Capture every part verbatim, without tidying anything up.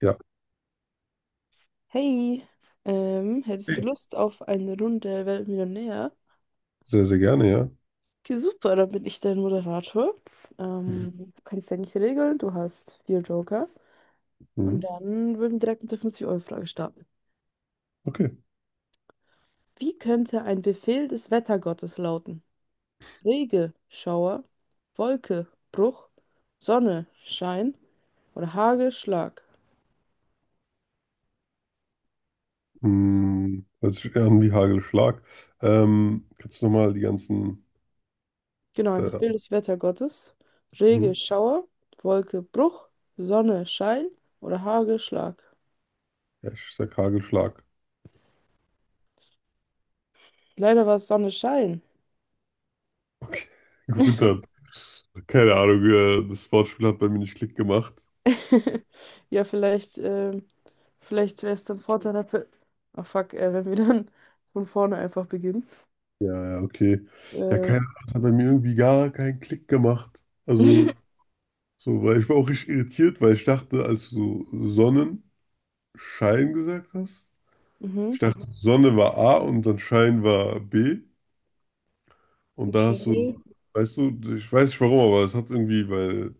Ja, Hey, ähm, hättest du okay. Lust auf eine Runde Wer wird Millionär? Sehr, sehr gerne, ja. Okay, super, dann bin ich dein Moderator. Ähm, du kannst eigentlich nicht regeln, du hast vier Joker. Und Mhm. dann würden wir direkt mit der fünfzig euro frage starten. Okay. Wie könnte ein Befehl des Wettergottes lauten? Regen, Schauer, Wolke, Bruch, Sonne, Schein oder Hagel, Schlag. Mhm. Hört sich eher an wie Hagelschlag. Ähm, kannst du nochmal die ganzen. Genau, ein Äh, Befehl des Wettergottes. mhm. Regen, Schauer, Wolke, Bruch, Sonne, Schein oder Hagel, Schlag. Ja, ich sag Hagelschlag. Leider war es Sonnenschein. Okay, gut dann. Keine Ahnung, äh, das Wortspiel hat bei mir nicht Klick gemacht. Ja, vielleicht, ähm, vielleicht wäre es dann vorteilhaft. Ach fuck, äh, wenn wir dann von vorne einfach beginnen. Ja, ja, okay. Ja, Äh, keine Ahnung, das hat bei mir irgendwie gar keinen Klick gemacht. Also, so, weil ich war auch richtig irritiert, weil ich dachte, als du so Sonnenschein gesagt hast, mhm, ich dachte, Sonne war A und dann Schein war B. Und da hast okay. du, weißt du, ich weiß nicht warum, aber es hat irgendwie, weil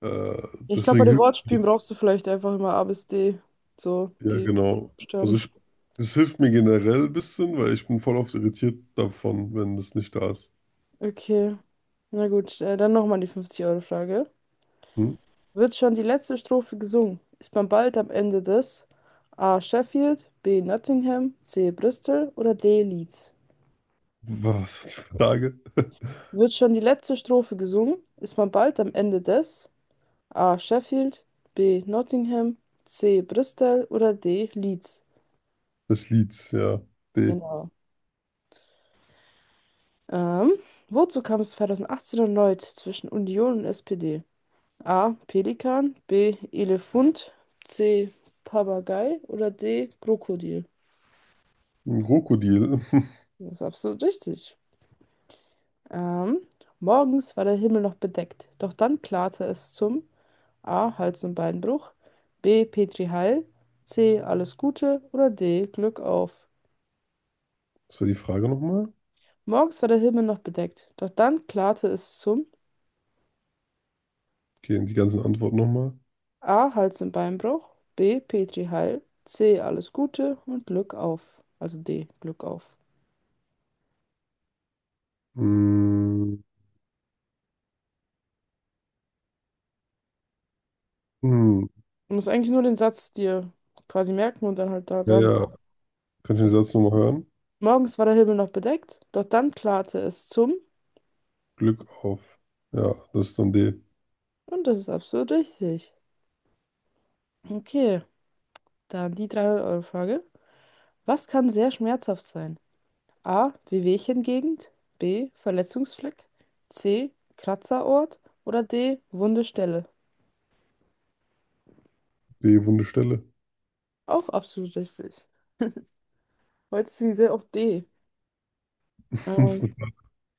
äh, Ich glaube, bei deswegen den hilft, Wortspielen brauchst du vielleicht einfach immer A bis D. So, ja die genau. Also Buchstaben. ich, es hilft mir generell ein bisschen, weil ich bin voll oft irritiert davon, wenn das nicht da ist. Okay. Na gut, äh, dann nochmal die fünfzig-Euro-Frage. Hm? Wird schon die letzte Strophe gesungen? Ist man bald am Ende des A. Sheffield, B. Nottingham, C. Bristol oder D. Leeds? Was war die Frage? Wird schon die letzte Strophe gesungen, ist man bald am Ende des A. Sheffield, B. Nottingham, C. Bristol oder D. Leeds? Das Lied, ja. D. Genau. Ähm, wozu kam es zweitausendachtzehn erneut zwischen Union und es pe de? A. Pelikan, B. Elefant, C. Papagei oder D. Krokodil. Ein Krokodil. Das ist absolut richtig. Ähm, morgens war der Himmel noch bedeckt, doch dann klarte es zum A. Hals- und Beinbruch. B. Petri Heil. C. Alles Gute. Oder D. Glück auf. Das war die Frage nochmal. Morgens war der Himmel noch bedeckt, doch dann klarte es zum Okay, und die ganzen Antworten nochmal. A. Hals- und Beinbruch. B. Petri Heil. C. Alles Gute und Glück auf. Also D. Glück auf. Hm. Hm. Du musst eigentlich nur den Satz dir quasi merken und dann halt Ja, daran. ja. Kann ich den Also, Satz nochmal hören? morgens war der Himmel noch bedeckt, doch dann klarte es zum. Glück auf. Ja, das ist dann D. Und das ist absolut richtig. Okay, dann die dreihundert euro frage. Was kann sehr schmerzhaft sein? A. Wehwehchengegend. B. Verletzungsfleck. C. Kratzerort. Oder D. Wunde Stelle. D, wunde Stelle. Auch absolut richtig. Heute sind wir sehr auf D. Das Ähm,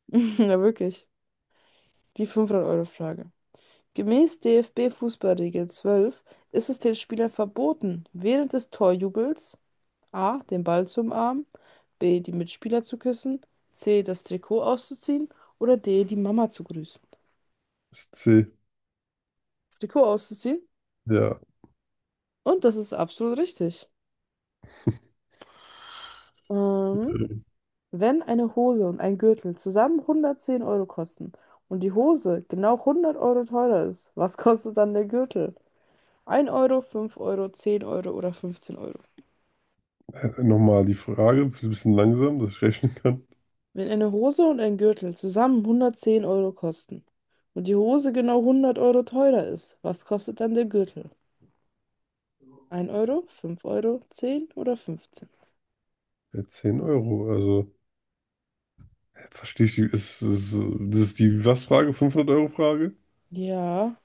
ja, wirklich. Die fünfhundert-Euro-Frage. Gemäß de ef be-Fußballregel zwölf ist es den Spielern verboten, während des Torjubels A. den Ball zu umarmen, B. die Mitspieler zu küssen, C. das Trikot auszuziehen oder D. die Mama zu grüßen. ist C. Das Trikot auszuziehen? Ja, Und das ist absolut richtig. Ähm, äh, Wenn eine Hose und ein Gürtel zusammen hundertzehn Euro kosten und die Hose genau hundert Euro teurer ist, was kostet dann der Gürtel? Ein Euro, fünf Euro, zehn Euro oder fünfzehn Euro. nochmal die Frage, ein bisschen langsam, dass ich rechnen kann. Wenn eine Hose und ein Gürtel zusammen hundertzehn Euro kosten und die Hose genau hundert Euro teurer ist, was kostet dann der Gürtel? Ein Euro, fünf Euro, zehn oder fünfzehn? Ja, zehn Euro, also verstehe ich die, ist, ist, das ist die was-Frage, fünfhundert-Euro-Frage? Ja.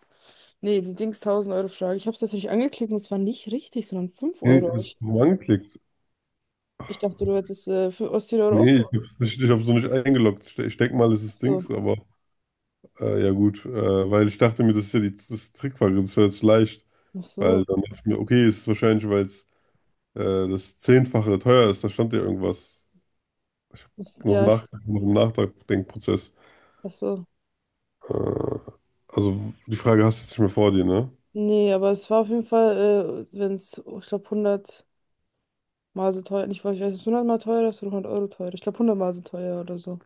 Nee, die Dings tausend-Euro-Frage. Ich habe es tatsächlich angeklickt und es war nicht richtig, sondern fünf Nee, Euro. Aber ist Ich, wo angeklickt. ich dachte, du hättest äh, für Ostseele Euro Nee, ich ausgehoben. habe ich, ich hab's noch nicht eingeloggt. Ich, de- ich denke mal, es ist Dings, aber äh, ja gut, äh, weil ich dachte mir, das ist ja die, das Trickfrage, das wäre jetzt leicht, Ach so, weil dann dachte ich mir, okay, es ist wahrscheinlich, weil es äh, das Zehnfache teuer ist, da stand ja irgendwas. Ich habe ist, noch ja, ich, nach, noch im Nachdenkprozess. ach so. Äh, also die Frage hast du jetzt nicht mehr vor dir, ne? Nee, aber es war auf jeden Fall, äh, wenn es, ich glaube, hundert Mal so teuer, nicht, weil ich weiß, nicht, hundert Mal teurer ist oder hundert Euro teurer. Ich glaube, hundert Mal so teuer oder so.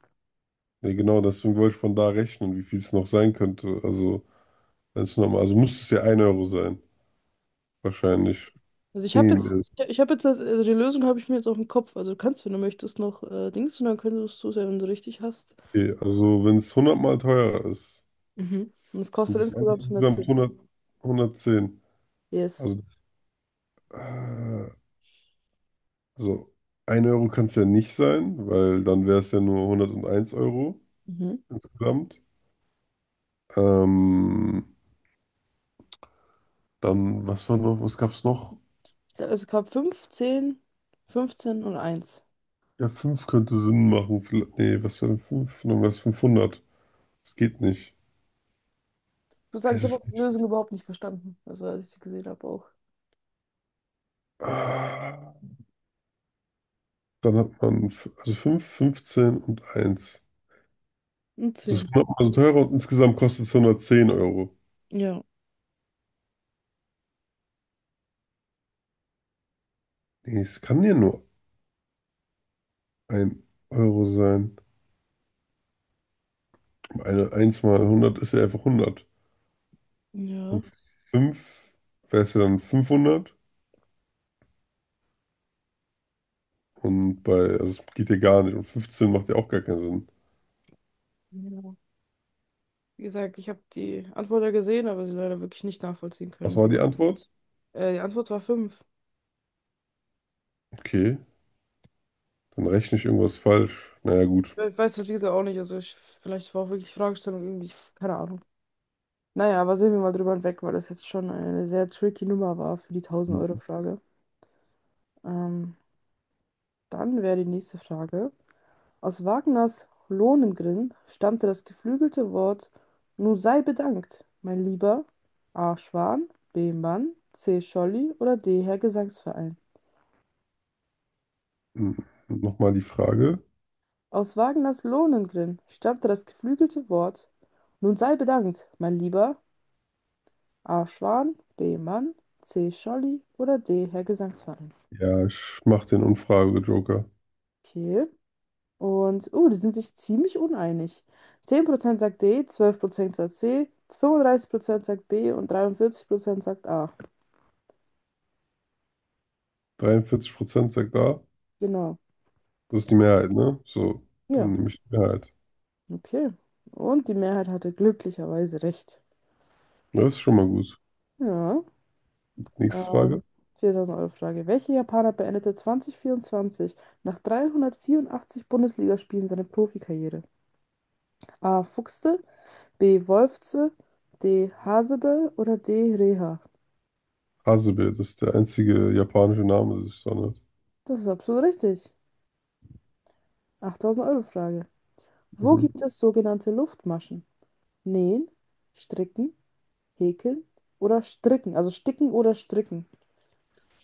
Nee, genau, deswegen wollte ich von da rechnen, wie viel es noch sein könnte. Also, wenn es nochmal, also muss es ja ein Euro sein, Also, wahrscheinlich. also ich Nee, habe jetzt, nee, ich, habe jetzt, das, also die Lösung habe ich mir jetzt auf dem Kopf. Also du kannst, wenn du möchtest, noch äh, Dings und dann könntest du es ja, wenn du richtig hast. okay. Also, wenn es hundert Mal teurer ist Mhm. Und es und kostet das andere insgesamt insgesamt hundertzehn. hundert, hundertzehn, Yes. also, das- äh, also ein Euro kann es ja nicht sein, weil dann wäre es ja nur hunderteins Euro Mhm. insgesamt. Ähm, Dann, was war noch, was gab es noch? Ja, also Ich Es gab fünf, zehn, fünfzehn und eins. Ja, fünf könnte Sinn machen. Vielleicht- Nee, was wäre denn fünf? Dann wäre es fünfhundert. Das geht nicht. Ich muss sagen, Es ich habe ist. auch die Lösung überhaupt nicht verstanden. Also als ich sie gesehen habe auch. Ah, dann hat man f- also fünf, fünfzehn und eins. Und Das ist zehn. hundert Mal so teurer und insgesamt kostet es hundertzehn Euro. Ja. Nee, es kann ja nur ein Euro sein. Eine eins mal hundert ist ja einfach hundert. Ja. Und fünf wäre es ja dann fünfhundert. Und bei, also es geht ja gar nicht. Und fünfzehn macht ja auch gar keinen Sinn. Ja. Wie gesagt, ich habe die Antwort ja gesehen, aber sie leider wirklich nicht nachvollziehen Was können. war die Antwort? Äh, die Antwort war fünf. Okay, dann rechne ich irgendwas falsch. Naja, gut. Ich weiß das, wie gesagt, auch nicht. Also ich, vielleicht war auch wirklich Fragestellung irgendwie, keine Ahnung. Naja, aber sehen wir mal drüber hinweg, weil das jetzt schon eine sehr tricky Nummer war für die tausend euro frage. Ähm, dann wäre die nächste Frage. Aus Wagners Lohengrin stammte das geflügelte Wort: Nun sei bedankt, mein Lieber. A. Schwan, B. Mann, C. Scholli oder D. Herr Gesangsverein. Hm, nochmal die Frage. Aus Wagners Lohengrin stammte das geflügelte Wort: Nun sei bedankt, mein Lieber, A. Schwan, B. Mann, C. Scholli oder D. Herr Gesangsverein. Ja, ich mach den Umfrage-Joker. Okay. Und, uh, die sind sich ziemlich uneinig. Zehn Prozent sagt D, zwölf Prozent sagt C, fünfunddreißig Prozent sagt B und dreiundvierzig Prozent sagt A. Dreiundvierzig Prozent sagt A. Genau. Das ist die Mehrheit, ne? So, Ja, dann nehme ich die Mehrheit. okay. Und die Mehrheit hatte glücklicherweise recht. Ja, das ist schon mal gut. Ja. Nächste Ähm, Frage. viertausend-Euro Frage. Welcher Japaner beendete zweitausendvierundzwanzig nach dreihundertvierundachtzig Bundesligaspielen seine Profikarriere? A. Fuchste, B. Wolfze, D. Hasebe oder D. Reha? Hasebe, das ist der einzige japanische Name, das ist so nett. Das ist absolut richtig. achttausend-Euro Frage. Wo Mhm. gibt es sogenannte Luftmaschen? Nähen, Stricken, Häkeln oder Stricken? Also Sticken oder Stricken.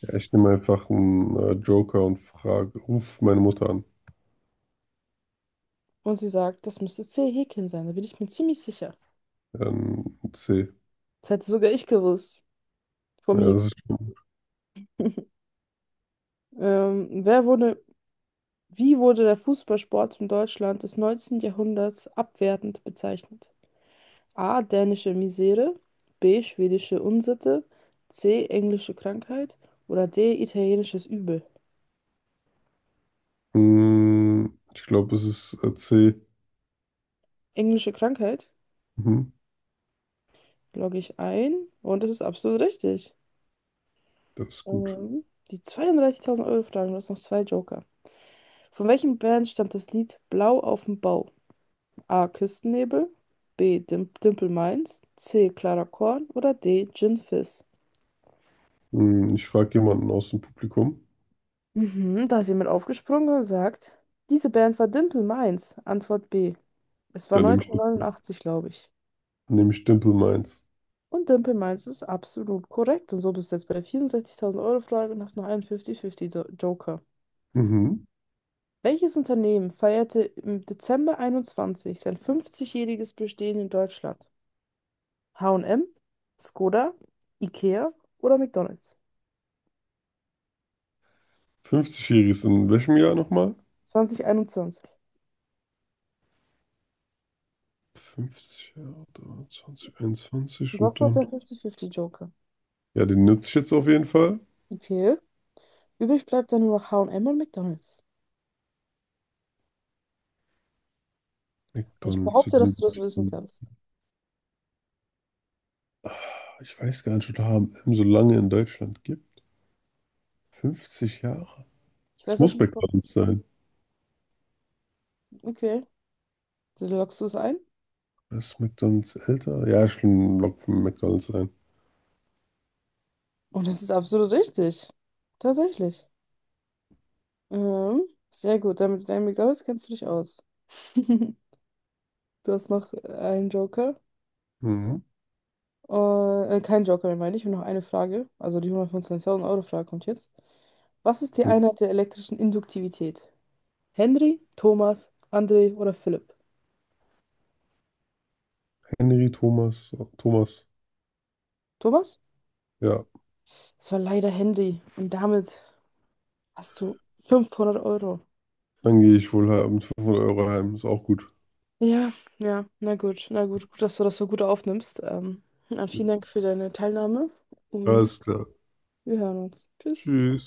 Ja, ich nehme einfach einen äh, Joker und frage, ruf meine Mutter an. Und sie sagt, das müsste C. Häkeln sein. Da bin ich mir ziemlich sicher. Dann C. Das hätte sogar ich gewusst. Vom Ja, das Häkeln. ist schon. Ähm, wer wurde Wie wurde der Fußballsport in Deutschland des neunzehnten. Jahrhunderts abwertend bezeichnet? A. Dänische Misere, B. Schwedische Unsitte, C. Englische Krankheit oder D. Italienisches Übel. Hm, ich glaube, es ist äh, C. Englische Krankheit Mhm. logge ich ein und das ist absolut richtig. Das ist gut. Ähm, die zweiunddreißigtausend Euro Frage, du hast noch zwei Joker. Von welchem Band stammt das Lied Blau auf dem Bau? A. Küstennebel, B. Dim Dimple Minds, C. Clara Korn oder D. Gin Fizz. Hm, ich frage jemanden aus dem Publikum. Mhm, da ist jemand aufgesprungen und sagt, diese Band war Dimple Minds. Antwort B. Es war Dann nehme ich, neunzehnhundertneunundachtzig, glaube ich. nehme ich Dimple Minds. Und Dimple Minds ist absolut korrekt. Und so bist du jetzt bei der vierundsechzigtausend Euro Frage und hast noch einen fünfzig fünfzig Jo- Joker. Mhm. Welches Unternehmen feierte im Dezember einundzwanzig sein fünfzig-jähriges Bestehen in Deutschland? ha und em, Skoda, Ikea oder McDonald's? fünfzig-jährig ist in welchem Jahr nochmal? zweitausendeinundzwanzig. fünfzig Jahre, dreiundzwanzig, einundzwanzig Du und hast noch den dann. fünfzig fünfzig Joker. Ja, den nutze ich jetzt auf jeden Fall. Okay. Übrig bleibt dann nur noch ha und em und M und McDonald's. Ich McDonald's. Wie behaupte, dass lange du das gibt's wissen den? kannst. Ah, ich weiß gar nicht, ob es H M so lange in Deutschland gibt. fünfzig Jahre. Ich Es weiß auch muss nicht, ob- McDonald's sein. okay. Du loggst es ein. Ist McDonald's älter? Ja, schon lockt von McDonald's sein. Und es ist absolut richtig. Tatsächlich. Ähm, sehr gut. Damit mit deinem McDonald's kennst du dich aus. Du hast noch einen Joker. Mhm. Äh, äh, kein Joker mehr, meine ich. Und noch eine Frage. Also die hundertfünfundzwanzigtausend-Euro-Frage kommt jetzt. Was ist die Einheit der elektrischen Induktivität? Henry, Thomas, André oder Philipp? Henry Thomas. Thomas. Thomas? Ja, Es war leider Henry. Und damit hast du fünfhundert Euro. dann gehe ich wohl mit fünfhundert Euro heim. Ist auch gut. Ja, ja, na gut, na gut, gut, dass du das so gut aufnimmst. Ähm, na, vielen Dank für deine Teilnahme und Alles klar. wir hören uns. Tschüss. Tschüss.